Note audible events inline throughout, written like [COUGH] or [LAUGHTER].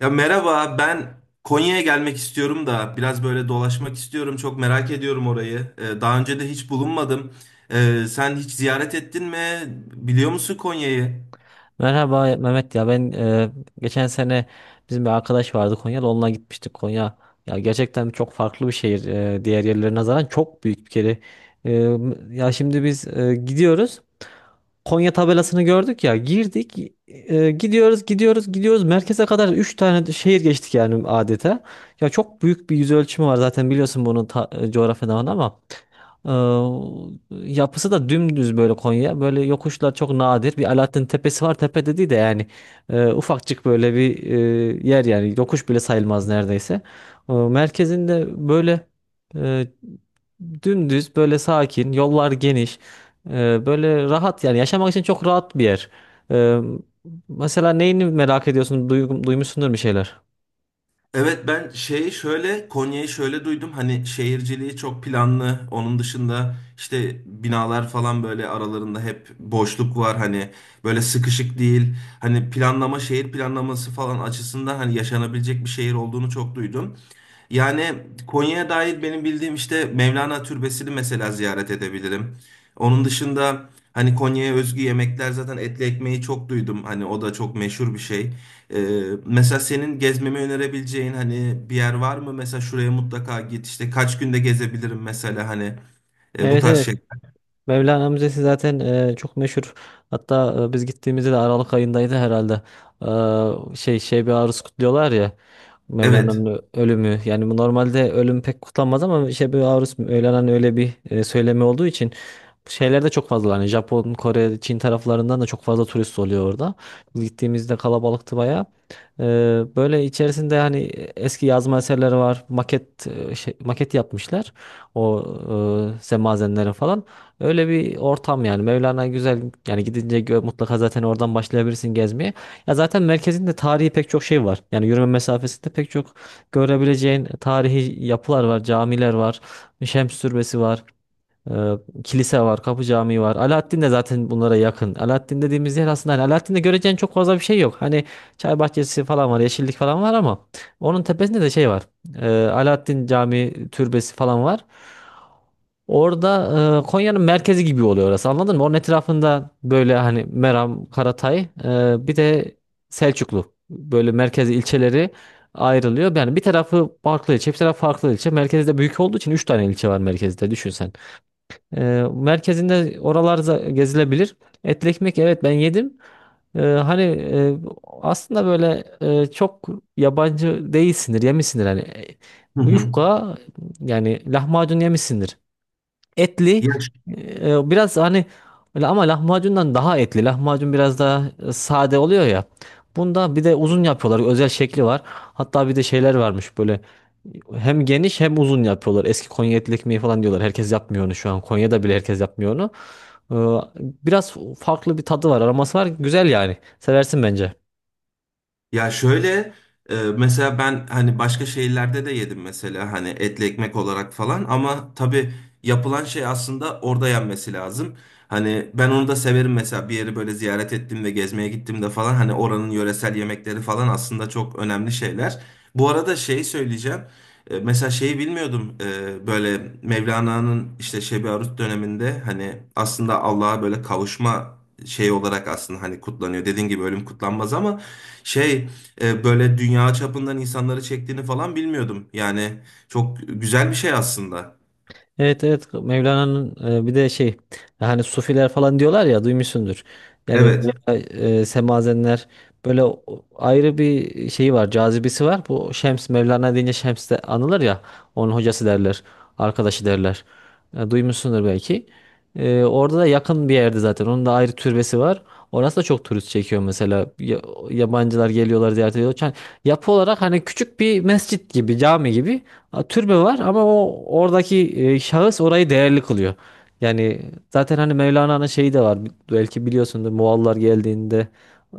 Ya merhaba, ben Konya'ya gelmek istiyorum da biraz böyle dolaşmak istiyorum. Çok merak ediyorum orayı. Daha önce de hiç bulunmadım. Sen hiç ziyaret ettin mi? Biliyor musun Konya'yı? Merhaba Mehmet ya ben geçen sene bizim bir arkadaş vardı Konya'da onunla gitmiştik Konya. Ya gerçekten çok farklı bir şehir diğer yerlere nazaran çok büyük bir kere. E, Ya şimdi biz gidiyoruz. Konya tabelasını gördük ya girdik gidiyoruz gidiyoruz gidiyoruz merkeze kadar 3 tane de şehir geçtik yani adeta. Ya çok büyük bir yüz ölçümü var zaten biliyorsun bunu coğrafyadan ama. Ee, Yapısı da dümdüz böyle Konya. Böyle yokuşlar çok nadir. Bir Alaaddin Tepesi var. Tepe dediği de yani ufakçık böyle bir yer yani. Yokuş bile sayılmaz neredeyse. Merkezinde böyle e, dümdüz böyle sakin. Yollar geniş. Böyle rahat yani. Yaşamak için çok rahat bir yer. Ee, Mesela neyini merak ediyorsun? Duymuşsundur bir şeyler. Evet, ben şeyi şöyle, Konya'yı şöyle duydum, hani şehirciliği çok planlı. Onun dışında işte binalar falan böyle, aralarında hep boşluk var, hani böyle sıkışık değil, hani planlama, şehir planlaması falan açısından hani yaşanabilecek bir şehir olduğunu çok duydum. Yani Konya'ya dair benim bildiğim işte Mevlana Türbesi'ni mesela ziyaret edebilirim. Onun dışında hani Konya'ya özgü yemekler, zaten etli ekmeği çok duydum. Hani o da çok meşhur bir şey. Mesela senin gezmemi önerebileceğin hani bir yer var mı? Mesela şuraya mutlaka git. İşte kaç günde gezebilirim mesela, hani bu Evet tarz şey. evet. Mevlana Müzesi zaten çok meşhur. Hatta biz gittiğimizde de Aralık ayındaydı herhalde. Şey bir aruz kutluyorlar ya. Evet. Mevlana'nın ölümü. Yani bu normalde ölüm pek kutlanmaz ama şey bir aruz Mevlana'nın öyle bir söylemi olduğu için bu şeyler de çok fazla. Hani Japon, Kore, Çin taraflarından da çok fazla turist oluyor orada. Biz gittiğimizde kalabalıktı bayağı. E, Böyle içerisinde hani eski yazma eserleri var. Maket yapmışlar. O semazenlerin falan. Öyle bir ortam yani. Mevlana güzel yani gidince mutlaka zaten oradan başlayabilirsin gezmeye. Ya zaten merkezinde tarihi pek çok şey var. Yani yürüme mesafesinde pek çok görebileceğin tarihi yapılar var, camiler var, Şems Türbesi var, e, kilise var, Kapı Camii var. Alaaddin de zaten bunlara yakın. Alaaddin dediğimiz yer aslında hani Alaaddin'de göreceğin çok fazla bir şey yok. Hani çay bahçesi falan var, yeşillik falan var ama onun tepesinde de şey var. Alaaddin Camii türbesi falan var. Orada Konya'nın merkezi gibi oluyor orası anladın mı? Onun etrafında böyle hani Meram, Karatay bir de Selçuklu böyle merkezi ilçeleri ayrılıyor. Yani bir tarafı farklı ilçe bir tarafı farklı ilçe. Merkezi de büyük olduğu için 3 tane ilçe var merkezde düşün sen. E, Merkezinde oralar gezilebilir. Etli ekmek evet ben yedim. Hani aslında böyle çok yabancı değilsindir yemişsindir hani Hı hı. yufka yani lahmacun yemişsindir. Ya Etli biraz hani öyle ama lahmacundan daha etli. Lahmacun biraz daha sade oluyor ya. Bunda bir de uzun yapıyorlar. Özel şekli var. Hatta bir de şeyler varmış böyle hem geniş hem uzun yapıyorlar. Eski Konya etli ekmeği falan diyorlar. Herkes yapmıyor onu şu an. Konya'da bile herkes yapmıyor onu. Ee, Biraz farklı bir tadı var, aroması var. Güzel yani. Seversin bence. Ya şöyle, mesela ben hani başka şehirlerde de yedim, mesela hani etli ekmek olarak falan, ama tabii yapılan şey aslında orada yenmesi lazım. Hani ben onu da severim, mesela bir yeri böyle ziyaret ettiğimde, gezmeye gittiğimde falan, hani oranın yöresel yemekleri falan aslında çok önemli şeyler. Bu arada şey söyleyeceğim. E, Mesela şeyi bilmiyordum. E, böyle Mevlana'nın işte Şebi Arus döneminde hani aslında Allah'a böyle kavuşma şey olarak aslında hani kutlanıyor. Dediğin gibi ölüm kutlanmaz ama şey böyle dünya çapından insanları çektiğini falan bilmiyordum. Yani çok güzel bir şey aslında. Evet evet Mevlana'nın bir de şey hani sufiler falan diyorlar ya duymuşsundur. Yani Evet. Semazenler böyle ayrı bir şeyi var cazibesi var. Bu Şems Mevlana deyince Şems de anılır ya onun hocası derler arkadaşı derler. Duymuşsundur belki. Orada da yakın bir yerde zaten onun da ayrı türbesi var. Orası da çok turist çekiyor mesela. Yabancılar geliyorlar ziyaret ediyorlar. Yani yapı olarak hani küçük bir mescit gibi cami gibi. Türbe var ama o oradaki şahıs orayı değerli kılıyor. Yani zaten hani Mevlana'nın şeyi de var. Belki biliyorsundur Moğollar geldiğinde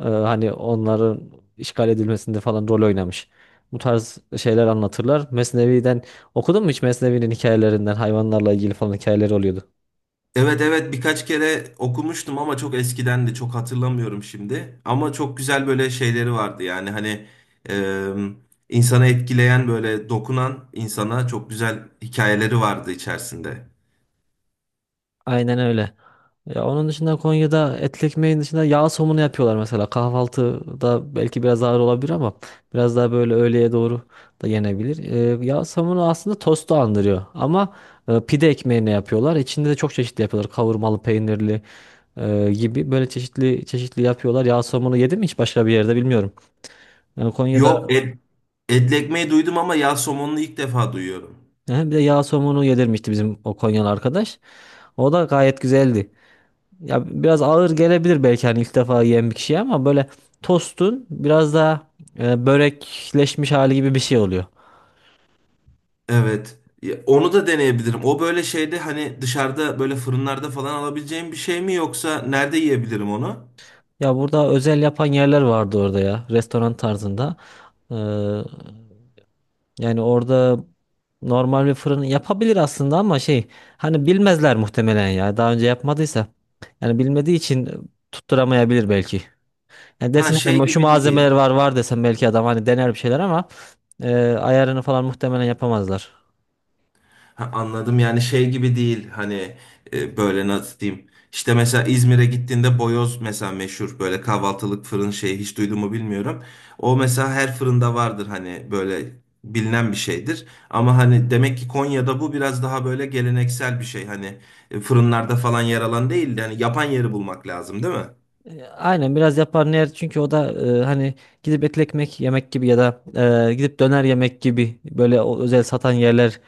hani onların işgal edilmesinde falan rol oynamış. Bu tarz şeyler anlatırlar. Mesnevi'den okudun mu hiç Mesnevi'nin hikayelerinden hayvanlarla ilgili falan hikayeleri oluyordu. Evet, evet, birkaç kere okumuştum ama çok eskidendi. Çok hatırlamıyorum şimdi. Ama çok güzel böyle şeyleri vardı. Yani hani e, insanı etkileyen, böyle dokunan, insana çok güzel hikayeleri vardı içerisinde. Aynen öyle. Ya onun dışında Konya'da etli ekmeğin dışında yağ somunu yapıyorlar mesela. Kahvaltıda belki biraz ağır olabilir ama biraz daha böyle öğleye doğru da yenebilir. Yağ somunu aslında tostu andırıyor ama pide ekmeğini yapıyorlar. İçinde de çok çeşitli yapıyorlar. Kavurmalı, peynirli gibi böyle çeşitli çeşitli yapıyorlar. Yağ somunu yedim mi hiç başka bir yerde bilmiyorum. Yani Yok, Konya'da. Etli ekmeği duydum ama yağ somonunu ilk defa duyuyorum. Hı, bir de yağ somunu yedirmişti bizim o Konyalı arkadaş. O da gayet güzeldi. Ya biraz ağır gelebilir belki hani ilk defa yiyen bir kişiye ama böyle tostun biraz daha börekleşmiş hali gibi bir şey oluyor. Evet. Ya, onu da deneyebilirim. O böyle şeyde hani dışarıda böyle fırınlarda falan alabileceğim bir şey mi, yoksa nerede yiyebilirim onu? Ya burada özel yapan yerler vardı orada ya restoran tarzında. Ee, Yani orada normal bir fırın yapabilir aslında ama şey hani bilmezler muhtemelen ya daha önce yapmadıysa. Yani bilmediği için tutturamayabilir belki. Yani Ha, desin şey hani şu gibi malzemeler değil. var desem belki adam hani dener bir şeyler ama ayarını falan muhtemelen yapamazlar. Ha, anladım, yani şey gibi değil, hani böyle nasıl diyeyim. İşte mesela İzmir'e gittiğinde boyoz mesela, meşhur böyle kahvaltılık fırın şeyi hiç duydun mu bilmiyorum. O mesela her fırında vardır, hani böyle bilinen bir şeydir. Ama hani demek ki Konya'da bu biraz daha böyle geleneksel bir şey, hani fırınlarda falan yer alan değil de hani yapan yeri bulmak lazım, değil mi? Aynen biraz yapar yaparlar çünkü o da hani gidip etli ekmek yemek gibi ya da gidip döner yemek gibi böyle özel satan yerler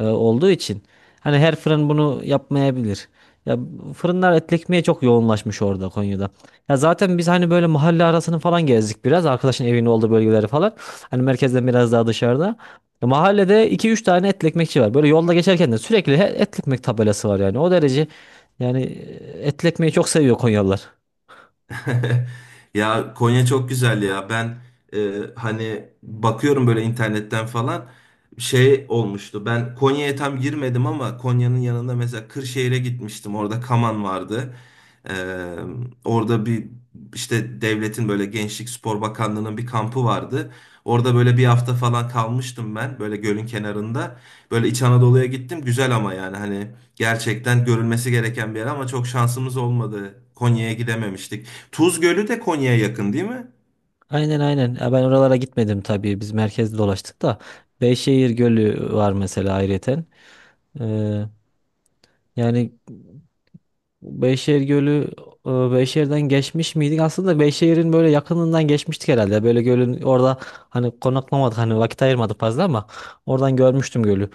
olduğu için hani her fırın bunu yapmayabilir. Ya fırınlar etli ekmeğe çok yoğunlaşmış orada Konya'da. Ya zaten biz hani böyle mahalle arasını falan gezdik biraz arkadaşın evinin olduğu bölgeleri falan. Hani merkezden biraz daha dışarıda. Ya Mahallede iki üç tane etli ekmekçi var. Böyle yolda geçerken de sürekli etli ekmek tabelası var yani. O derece yani etli ekmeği çok seviyor Konyalılar. [LAUGHS] Ya Konya çok güzel ya. Ben e, hani bakıyorum böyle internetten falan, şey olmuştu. Ben Konya'ya tam girmedim ama Konya'nın yanında mesela Kırşehir'e gitmiştim. Orada Kaman vardı. E, orada bir işte devletin böyle Gençlik Spor Bakanlığı'nın bir kampı vardı. Orada böyle bir hafta falan kalmıştım ben, böyle gölün kenarında. Böyle İç Anadolu'ya gittim. Güzel ama yani hani gerçekten görülmesi gereken bir yer ama çok şansımız olmadı. Konya'ya gidememiştik. Tuz Gölü de Konya'ya yakın değil mi? Aynen aynen. Ya ben oralara gitmedim tabii. Biz merkezde dolaştık da. Beyşehir Gölü var mesela ayrıyeten. Ee, Yani Beyşehir Gölü Beyşehir'den geçmiş miydik? Aslında Beyşehir'in böyle yakınından geçmiştik herhalde. Böyle gölün orada hani konaklamadık hani vakit ayırmadık fazla ama oradan görmüştüm gölü.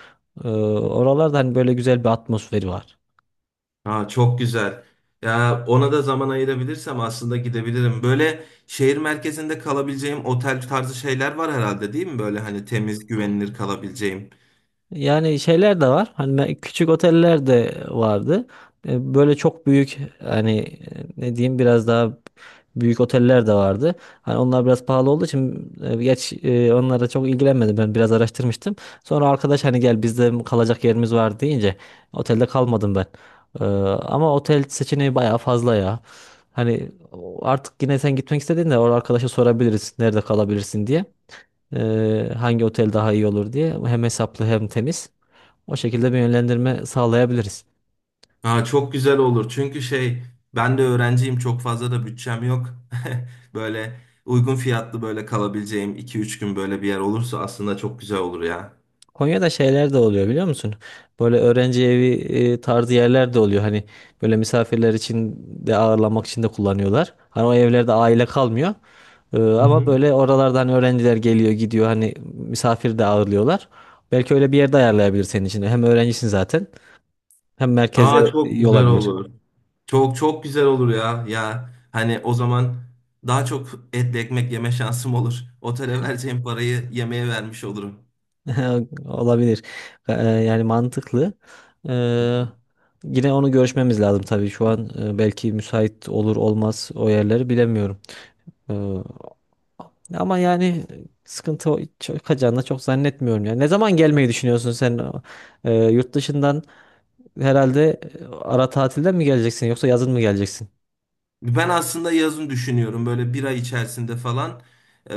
Oralarda hani böyle güzel bir atmosferi var. Ha, çok güzel. Ya ona da zaman ayırabilirsem aslında gidebilirim. Böyle şehir merkezinde kalabileceğim otel tarzı şeyler var herhalde, değil mi? Böyle hani temiz, güvenilir kalabileceğim. Yani şeyler de var. Hani küçük oteller de vardı. Böyle çok büyük hani ne diyeyim biraz daha büyük oteller de vardı. Hani onlar biraz pahalı olduğu için onlara çok ilgilenmedim. Ben biraz araştırmıştım. Sonra arkadaş hani gel bizde kalacak yerimiz var deyince otelde kalmadım ben. Ama otel seçeneği bayağı fazla ya. Hani artık yine sen gitmek istediğinde orada arkadaşa sorabiliriz nerede kalabilirsin diye. Hangi otel daha iyi olur diye. Hem hesaplı hem temiz. O şekilde bir yönlendirme sağlayabiliriz. Ha, çok güzel olur. Çünkü şey, ben de öğrenciyim, çok fazla da bütçem yok. [LAUGHS] Böyle uygun fiyatlı, böyle kalabileceğim iki üç gün böyle bir yer olursa aslında çok güzel olur ya. Konya'da şeyler de oluyor biliyor musun? Böyle öğrenci evi tarzı yerler de oluyor. Hani böyle misafirler için de ağırlamak için de kullanıyorlar. Hani o evlerde aile kalmıyor. Hı Ama hı. böyle oralardan öğrenciler geliyor gidiyor. Hani misafir de ağırlıyorlar. Belki öyle bir yerde ayarlayabilir senin için. Hem öğrencisin zaten hem merkeze Aa, çok iyi güzel olabilir. olur. Çok çok güzel olur ya. Ya hani o zaman daha çok etli ekmek yeme şansım olur. Otele vereceğim parayı yemeğe vermiş olurum. [LAUGHS] Olabilir. Yani mantıklı. Ee, Yine onu görüşmemiz lazım tabii. Şu an belki müsait olur olmaz o yerleri bilemiyorum. Ee, Ama yani sıkıntı çıkacağını çok zannetmiyorum. Yani ne zaman gelmeyi düşünüyorsun sen? Yurt dışından herhalde ara tatilden mi geleceksin yoksa yazın mı geleceksin? Ben aslında yazın düşünüyorum, böyle bir ay içerisinde falan e,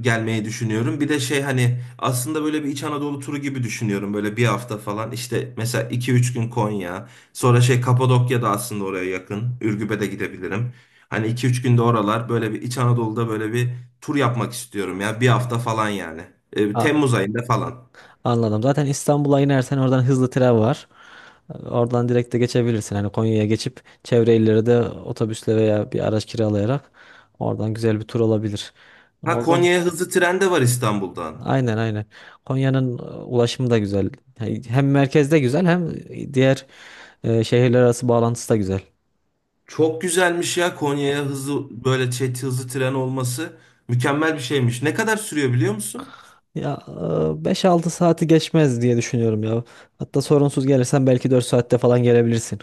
gelmeyi düşünüyorum. Bir de şey, hani aslında böyle bir İç Anadolu turu gibi düşünüyorum, böyle bir hafta falan. İşte mesela iki üç gün Konya, sonra şey Kapadokya da aslında oraya yakın, Ürgüp'e de gidebilirim. Hani iki üç günde oralar, böyle bir İç Anadolu'da böyle bir tur yapmak istiyorum ya, bir hafta falan yani. E, Temmuz ayında falan. Anladım. Zaten İstanbul'a inersen oradan hızlı tren var. Oradan direkt de geçebilirsin. Hani Konya'ya geçip çevre illere de otobüsle veya bir araç kiralayarak oradan güzel bir tur olabilir. Ha, Oldu mu? Konya'ya hızlı tren de var İstanbul'dan. Aynen aynen. Konya'nın ulaşımı da güzel. Yani hem merkezde güzel hem diğer şehirler arası bağlantısı da güzel. Çok güzelmiş ya, Konya'ya hızlı, böyle hızlı tren olması. Mükemmel bir şeymiş. Ne kadar sürüyor biliyor musun? Ya 5-6 saati geçmez diye düşünüyorum ya. Hatta sorunsuz gelirsen belki 4 saatte falan gelebilirsin.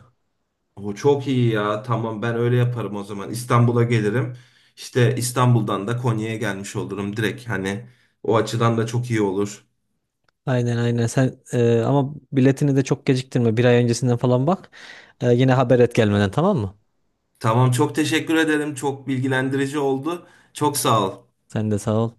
O çok iyi ya. Tamam, ben öyle yaparım o zaman. İstanbul'a gelirim. İşte İstanbul'dan da Konya'ya gelmiş olurum direkt. Hani o açıdan da çok iyi olur. Aynen aynen sen ama biletini de çok geciktirme bir ay öncesinden falan bak. Yine haber et gelmeden tamam mı? Tamam, çok teşekkür ederim. Çok bilgilendirici oldu. Çok sağ ol. Sen de sağ ol.